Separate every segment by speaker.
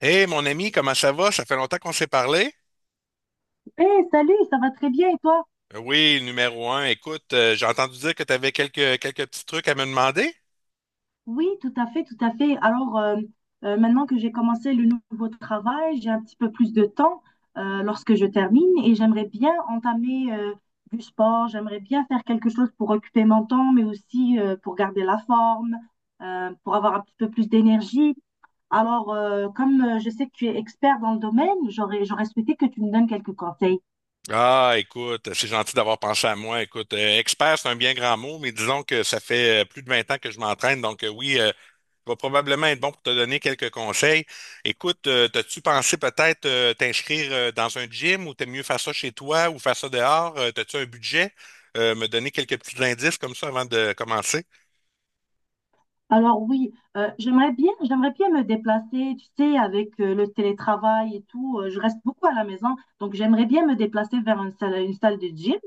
Speaker 1: Hey mon ami, comment ça va? Ça fait longtemps qu'on s'est parlé.
Speaker 2: Hey, salut, ça va très bien et toi?
Speaker 1: Oui, numéro un. Écoute, j'ai entendu dire que tu avais quelques petits trucs à me demander.
Speaker 2: Oui, tout à fait, tout à fait. Alors, maintenant que j'ai commencé le nouveau travail, j'ai un petit peu plus de temps lorsque je termine et j'aimerais bien entamer du sport, j'aimerais bien faire quelque chose pour occuper mon temps, mais aussi pour garder la forme, pour avoir un petit peu plus d'énergie. Alors, comme je sais que tu es expert dans le domaine, j'aurais souhaité que tu me donnes quelques conseils.
Speaker 1: Ah, écoute, c'est gentil d'avoir pensé à moi. Écoute, expert, c'est un bien grand mot, mais disons que ça fait plus de 20 ans que je m'entraîne, donc oui, je vais probablement être bon pour te donner quelques conseils. Écoute, t'as-tu pensé peut-être t'inscrire dans un gym ou t'aimes mieux faire ça chez toi ou faire ça dehors? T'as-tu un budget? Me donner quelques petits indices comme ça avant de commencer.
Speaker 2: Alors oui, j'aimerais bien me déplacer, tu sais, avec le télétravail et tout. Je reste beaucoup à la maison, donc j'aimerais bien me déplacer vers une salle de gym.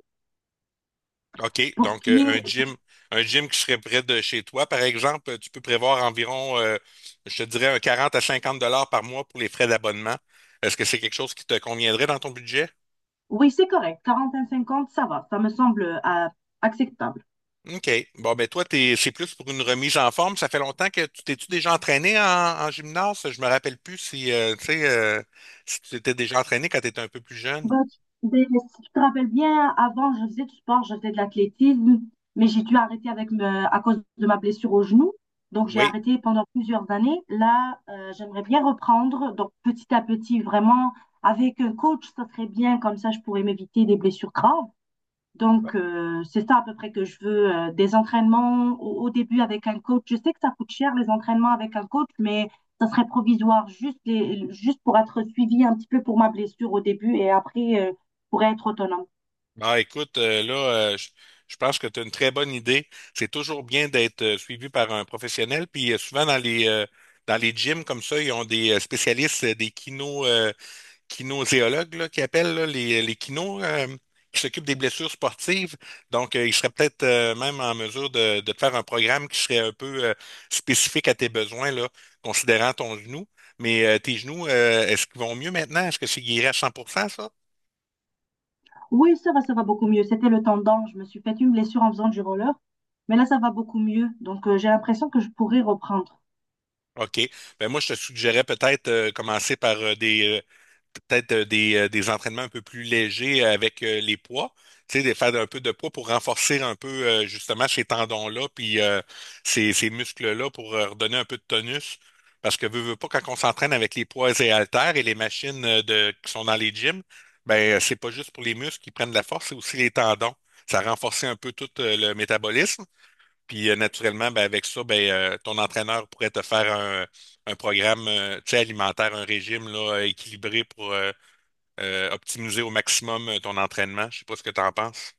Speaker 1: OK,
Speaker 2: Pour ce
Speaker 1: donc
Speaker 2: qui est,
Speaker 1: un gym qui serait près de chez toi, par exemple, tu peux prévoir environ, je te dirais, un 40 à 50 $ par mois pour les frais d'abonnement. Est-ce que c'est quelque chose qui te conviendrait dans ton budget?
Speaker 2: oui, c'est correct, 45 cinquante, ça va, ça me semble acceptable.
Speaker 1: OK. Bon, ben toi, t'es, c'est plus pour une remise en forme. Ça fait longtemps que tu t'es-tu déjà entraîné en, en gymnase? Je me rappelle plus si, tu sais, si tu t'étais déjà entraîné quand tu étais un peu plus jeune.
Speaker 2: Bah, tu- des- Si tu te rappelles bien, avant, je faisais du sport, je faisais de l'athlétisme, mais j'ai dû arrêter à cause de ma blessure au genou. Donc, j'ai
Speaker 1: Oui.
Speaker 2: arrêté pendant plusieurs années. Là, j'aimerais bien reprendre. Donc, petit à petit, vraiment, avec un coach, ça serait bien. Comme ça, je pourrais m'éviter des blessures graves. Donc, c'est ça à peu près que je veux, des entraînements au début avec un coach. Je sais que ça coûte cher, les entraînements avec un coach, mais ça serait provisoire, juste, juste pour être suivi un petit peu pour ma blessure au début et après, je être autonome.
Speaker 1: Ah, écoute, là, euh, je, je pense que tu as une très bonne idée. C'est toujours bien d'être suivi par un professionnel. Puis souvent dans les gyms comme ça, ils ont des spécialistes, des kino, kinésiologues là, qui appellent là, les kinos qui s'occupent des blessures sportives. Donc, ils seraient peut-être même en mesure de te faire un programme qui serait un peu spécifique à tes besoins, là, considérant ton genou. Mais tes genoux, est-ce qu'ils vont mieux maintenant? Est-ce que c'est guéri à 100% ça?
Speaker 2: Oui, ça va beaucoup mieux. C'était le tendon. Je me suis fait une blessure en faisant du roller, mais là, ça va beaucoup mieux. Donc, j'ai l'impression que je pourrais reprendre.
Speaker 1: OK. Ben moi, je te suggérais peut-être commencer par des peut-être des entraînements un peu plus légers avec les poids. Tu sais, de faire un peu de poids pour renforcer un peu justement ces tendons-là, puis ces muscles-là pour redonner un peu de tonus. Parce que veux, veux pas, quand on s'entraîne avec les poids et haltères et les machines de, qui sont dans les gyms, ben c'est pas juste pour les muscles qui prennent de la force, c'est aussi les tendons. Ça renforce un peu tout le métabolisme. Puis naturellement, ben, avec ça, ben, ton entraîneur pourrait te faire un programme tu sais, alimentaire, un régime là, équilibré pour optimiser au maximum ton entraînement. Je sais pas ce que tu en penses.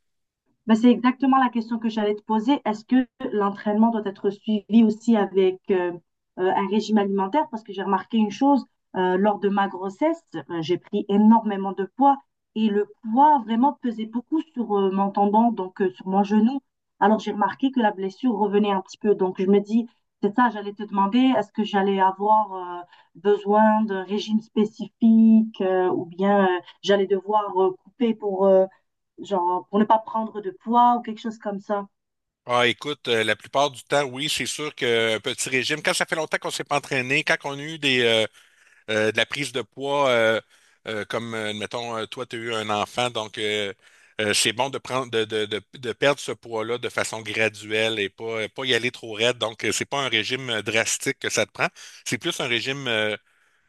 Speaker 2: Ben, c'est exactement la question que j'allais te poser. Est-ce que l'entraînement doit être suivi aussi avec un régime alimentaire? Parce que j'ai remarqué une chose, lors de ma grossesse, j'ai pris énormément de poids et le poids vraiment pesait beaucoup sur mon tendon, donc sur mon genou. Alors j'ai remarqué que la blessure revenait un petit peu. Donc je me dis, c'est ça, j'allais te demander, est-ce que j'allais avoir besoin d'un régime spécifique ou bien j'allais devoir genre pour ne pas prendre de poids ou quelque chose comme ça.
Speaker 1: Ah, écoute, la plupart du temps, oui, c'est sûr que un petit régime, quand ça fait longtemps qu'on s'est pas entraîné, quand on a eu des, de la prise de poids, comme, mettons, toi, tu as eu un enfant, donc c'est bon de prendre, de perdre ce poids-là de façon graduelle et pas, pas y aller trop raide. Donc, c'est pas un régime drastique que ça te prend. C'est plus un régime euh,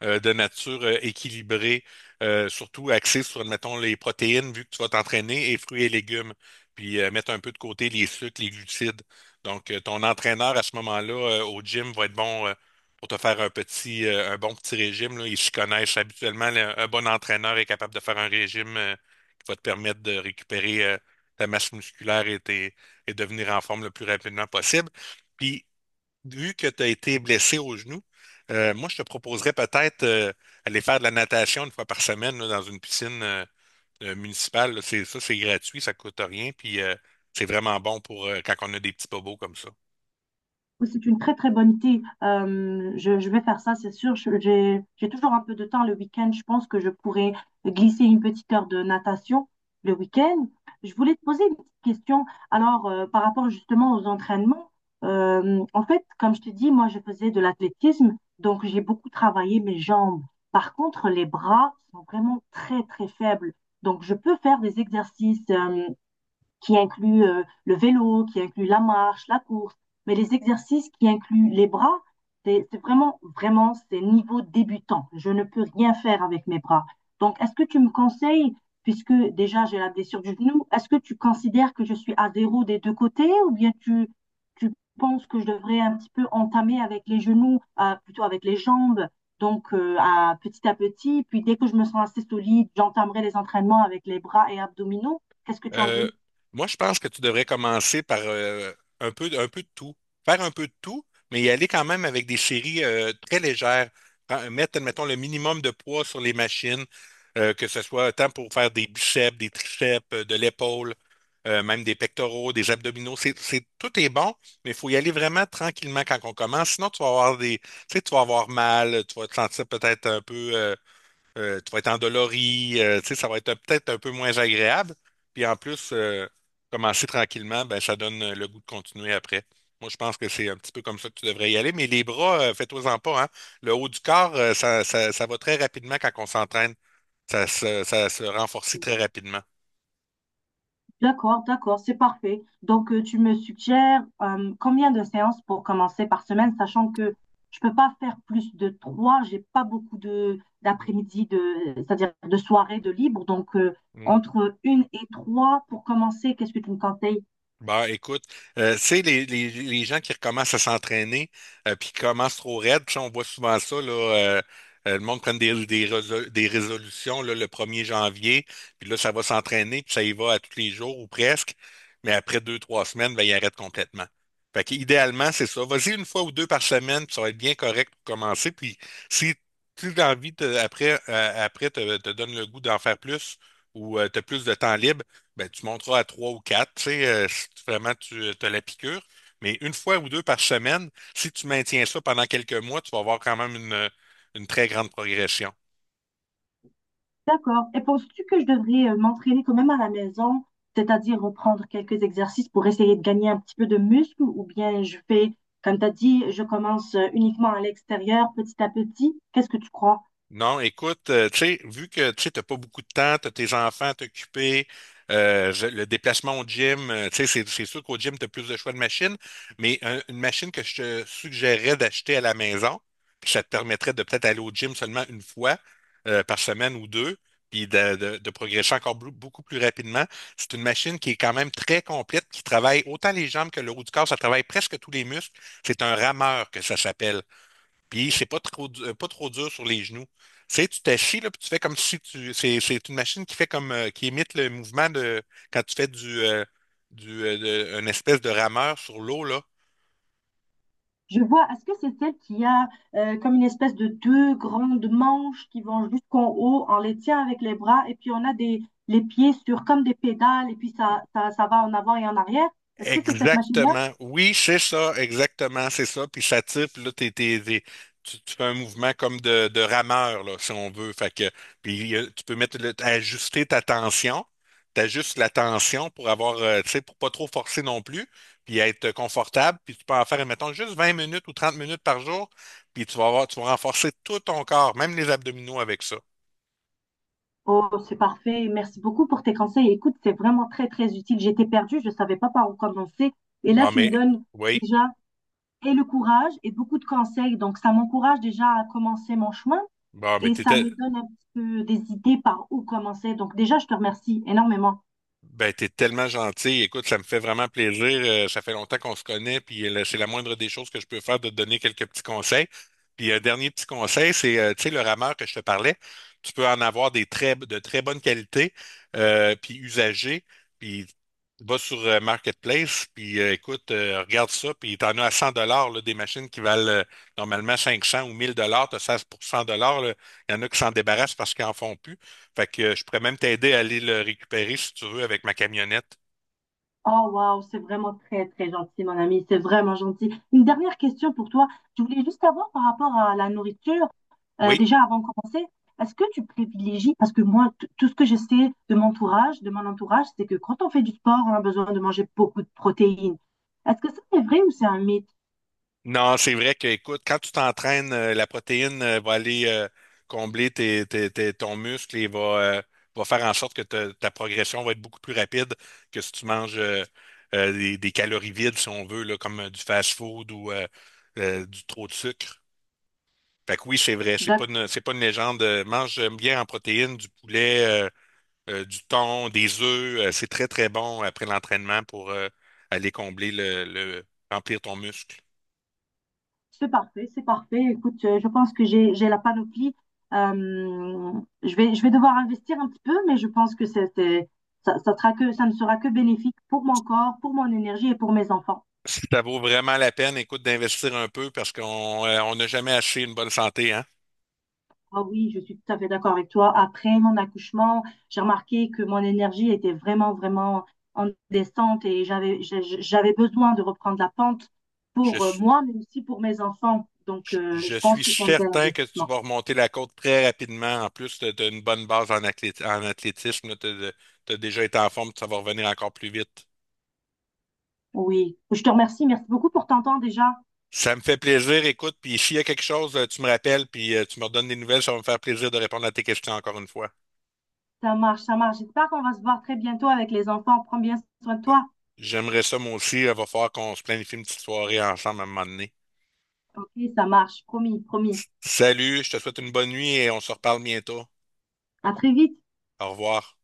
Speaker 1: euh, de nature équilibrée, surtout axée sur, mettons, les protéines, vu que tu vas t'entraîner, et fruits et légumes, puis mettre un peu de côté les sucres, les glucides. Donc, ton entraîneur à ce moment-là au gym va être bon pour te faire un petit, un bon petit régime, là. Ils s'y connaissent habituellement. Un bon entraîneur est capable de faire un régime qui va te permettre de récupérer ta masse musculaire et, et devenir en forme le plus rapidement possible. Puis, vu que tu as été blessé au genou, moi, je te proposerais peut-être aller faire de la natation une fois par semaine là, dans une piscine municipale. Là. C'est, ça, c'est gratuit, ça coûte rien, puis c'est vraiment bon pour quand on a des petits bobos comme ça.
Speaker 2: Oui, c'est une très très bonne idée. Je vais faire ça, c'est sûr. J'ai toujours un peu de temps le week-end. Je pense que je pourrais glisser une petite heure de natation le week-end. Je voulais te poser une petite question. Alors, par rapport justement aux entraînements, en fait, comme je te dis, moi je faisais de l'athlétisme, donc j'ai beaucoup travaillé mes jambes. Par contre, les bras sont vraiment très très faibles. Donc, je peux faire des exercices. Qui inclut le vélo, qui inclut la marche, la course, mais les exercices qui incluent les bras, c'est vraiment, vraiment, c'est niveau débutant. Je ne peux rien faire avec mes bras. Donc, est-ce que tu me conseilles, puisque déjà j'ai la blessure du genou, est-ce que tu considères que je suis à zéro des deux côtés ou bien tu penses que je devrais un petit peu entamer avec les genoux, plutôt avec les jambes, donc petit à petit, puis dès que je me sens assez solide, j'entamerai les entraînements avec les bras et abdominaux. Qu'est-ce que tu en
Speaker 1: Euh,
Speaker 2: dis?
Speaker 1: moi, je pense que tu devrais commencer par un peu de tout. Faire un peu de tout, mais y aller quand même avec des séries très légères. Mettre, mettons, le minimum de poids sur les machines, que ce soit tant pour faire des biceps, des triceps, de l'épaule, même des pectoraux, des abdominaux. Tout est bon, mais il faut y aller vraiment tranquillement quand on commence. Sinon, tu vas avoir des, tu sais, tu vas avoir mal, tu vas te sentir peut-être un peu tu vas être endolori, tu sais, ça va être peut-être un peu moins agréable. Puis en plus, commencer tranquillement, ben, ça donne le goût de continuer après. Moi, je pense que c'est un petit peu comme ça que tu devrais y aller. Mais les bras, fais-toi-en pas, hein. Le haut du corps, ça va très rapidement quand on s'entraîne. Ça, ça se renforcit très rapidement.
Speaker 2: D'accord, d'accord, c'est parfait. Donc, tu me suggères combien de séances pour commencer par semaine, sachant que je peux pas faire plus de trois, j'ai pas beaucoup de d'après-midi, c'est-à-dire de soirée de libre. Donc, entre une et trois pour commencer, qu'est-ce que tu me conseilles?
Speaker 1: Bah, écoute, tu sais, les gens qui recommencent à s'entraîner, puis qui commencent trop raide, puis sais, on voit souvent ça, là, le monde prend des, des résolutions là, le 1er janvier, puis là, ça va s'entraîner, puis ça y va à tous les jours ou presque, mais après deux, trois semaines, ben, il arrête complètement. Fait qu'idéalement, c'est ça. Vas-y une fois ou deux par semaine, puis ça va être bien correct pour commencer, puis si tu as envie, après, après te donne le goût d'en faire plus ou tu as plus de temps libre, ben, tu monteras à trois ou quatre, tu sais, si vraiment tu as la piqûre. Mais une fois ou deux par semaine, si tu maintiens ça pendant quelques mois, tu vas avoir quand même une très grande progression.
Speaker 2: D'accord. Et penses-tu que je devrais m'entraîner quand même à la maison, c'est-à-dire reprendre quelques exercices pour essayer de gagner un petit peu de muscle, ou bien je fais, comme tu as dit, je commence uniquement à l'extérieur, petit à petit? Qu'est-ce que tu crois?
Speaker 1: Non, écoute, tu sais, vu que tu n'as pas beaucoup de temps, t'as tes enfants à t'occuper, le déplacement au gym, tu sais, c'est sûr qu'au gym, t'as plus de choix de machines, mais une machine que je te suggérerais d'acheter à la maison, puis ça te permettrait de peut-être aller au gym seulement une fois par semaine ou deux, puis de progresser encore beaucoup plus rapidement. C'est une machine qui est quand même très complète, qui travaille autant les jambes que le haut du corps, ça travaille presque tous les muscles. C'est un rameur que ça s'appelle. Puis c'est pas trop, pas trop dur sur les genoux. Tu sais, tu t'assis, là, puis tu fais comme si tu. C'est une machine qui fait comme qui imite le mouvement de quand tu fais du, du euh, une espèce de rameur sur l'eau, là.
Speaker 2: Je vois, est-ce que c'est celle qui a comme une espèce de deux grandes manches qui vont jusqu'en haut, on les tient avec les bras et puis on a des, les pieds sur comme des pédales et puis ça va en avant et en arrière. Est-ce que c'est cette machine-là?
Speaker 1: Exactement. Oui, c'est ça, exactement, c'est ça. Puis ça tire, puis là, tu, tu fais un mouvement comme de rameur, là, si on veut. Fait que, puis tu peux mettre ajuster ta tension. T'ajustes la tension pour avoir, tu sais, pour pas trop forcer non plus, puis être confortable. Puis tu peux en faire, mettons, juste 20 minutes ou 30 minutes par jour, puis tu vas avoir, tu vas renforcer tout ton corps, même les abdominaux avec ça.
Speaker 2: Oh, c'est parfait. Merci beaucoup pour tes conseils. Écoute, c'est vraiment très, très utile. J'étais perdue, je ne savais pas par où commencer. Et là,
Speaker 1: Bon,
Speaker 2: tu me
Speaker 1: mais,
Speaker 2: donnes
Speaker 1: oui.
Speaker 2: déjà et le courage et beaucoup de conseils. Donc, ça m'encourage déjà à commencer mon chemin
Speaker 1: Bon, mais
Speaker 2: et ça
Speaker 1: t'étais.
Speaker 2: me donne un petit peu des idées par où commencer. Donc, déjà, je te remercie énormément.
Speaker 1: Ben, t'es tellement gentil. Écoute, ça me fait vraiment plaisir. Ça fait longtemps qu'on se connaît, puis c'est la moindre des choses que je peux faire de te donner quelques petits conseils. Puis un dernier petit conseil, c'est, tu sais, le rameur que je te parlais, tu peux en avoir des très, de très bonne qualité, puis usagé, puis va sur Marketplace, puis écoute, regarde ça, puis t'en as à 100 dollars, des machines qui valent normalement 500 ou 1000 dollars, t'as 16% dollars, il y en a qui s'en débarrassent parce qu'ils en font plus. Fait que je pourrais même t'aider à aller le récupérer si tu veux avec ma camionnette.
Speaker 2: Oh, waouh, c'est vraiment très, très gentil, mon ami. C'est vraiment gentil. Une dernière question pour toi. Je voulais juste savoir par rapport à la nourriture.
Speaker 1: Oui.
Speaker 2: Déjà, avant de commencer, est-ce que tu privilégies, parce que moi, tout ce que je sais de mon entourage, c'est que quand on fait du sport, on a besoin de manger beaucoup de protéines. Est-ce que ça c'est vrai ou c'est un mythe?
Speaker 1: Non, c'est vrai que, écoute, quand tu t'entraînes, la protéine va aller combler tes, ton muscle et va, euh, va faire en sorte que ta progression va être beaucoup plus rapide que si tu manges des calories vides, si on veut, là, comme du fast-food ou du trop de sucre. Fait que oui, c'est vrai,
Speaker 2: D'accord,
Speaker 1: c'est pas une légende. Mange bien en protéines, du poulet, du thon, des œufs. C'est très, très bon après l'entraînement pour aller combler remplir ton muscle.
Speaker 2: c'est parfait, c'est parfait. Écoute, je pense que j'ai la panoplie. Euh, je vais devoir investir un petit peu, mais je pense que ça sera ça ne sera que bénéfique pour mon corps, pour mon énergie et pour mes enfants.
Speaker 1: Si ça vaut vraiment la peine, écoute, d'investir un peu parce qu'on on n'a jamais acheté une bonne santé, hein.
Speaker 2: Ah oui, je suis tout à fait d'accord avec toi. Après mon accouchement, j'ai remarqué que mon énergie était vraiment, vraiment en descente et j'avais besoin de reprendre la pente
Speaker 1: Je,
Speaker 2: pour
Speaker 1: suis-
Speaker 2: moi, mais aussi pour mes enfants. Donc,
Speaker 1: je
Speaker 2: je pense
Speaker 1: suis
Speaker 2: que c'est un bel
Speaker 1: certain que tu
Speaker 2: investissement.
Speaker 1: vas remonter la côte très rapidement. En plus, tu as une bonne base en, en athlétisme. Tu as, déjà été en forme, ça va revenir encore plus vite.
Speaker 2: Oui, je te remercie. Merci beaucoup pour ton temps déjà.
Speaker 1: Ça me fait plaisir, écoute, puis s'il y a quelque chose, tu me rappelles, puis tu me redonnes des nouvelles, ça va me faire plaisir de répondre à tes questions encore une fois.
Speaker 2: Ça marche, ça marche. J'espère qu'on va se voir très bientôt avec les enfants. Prends bien soin de toi.
Speaker 1: J'aimerais ça moi aussi. Il va falloir qu'on se planifie une petite soirée ensemble à un moment donné.
Speaker 2: Ok, ça marche. Promis, promis.
Speaker 1: Salut, je te souhaite une bonne nuit et on se reparle bientôt.
Speaker 2: À très vite.
Speaker 1: Au revoir.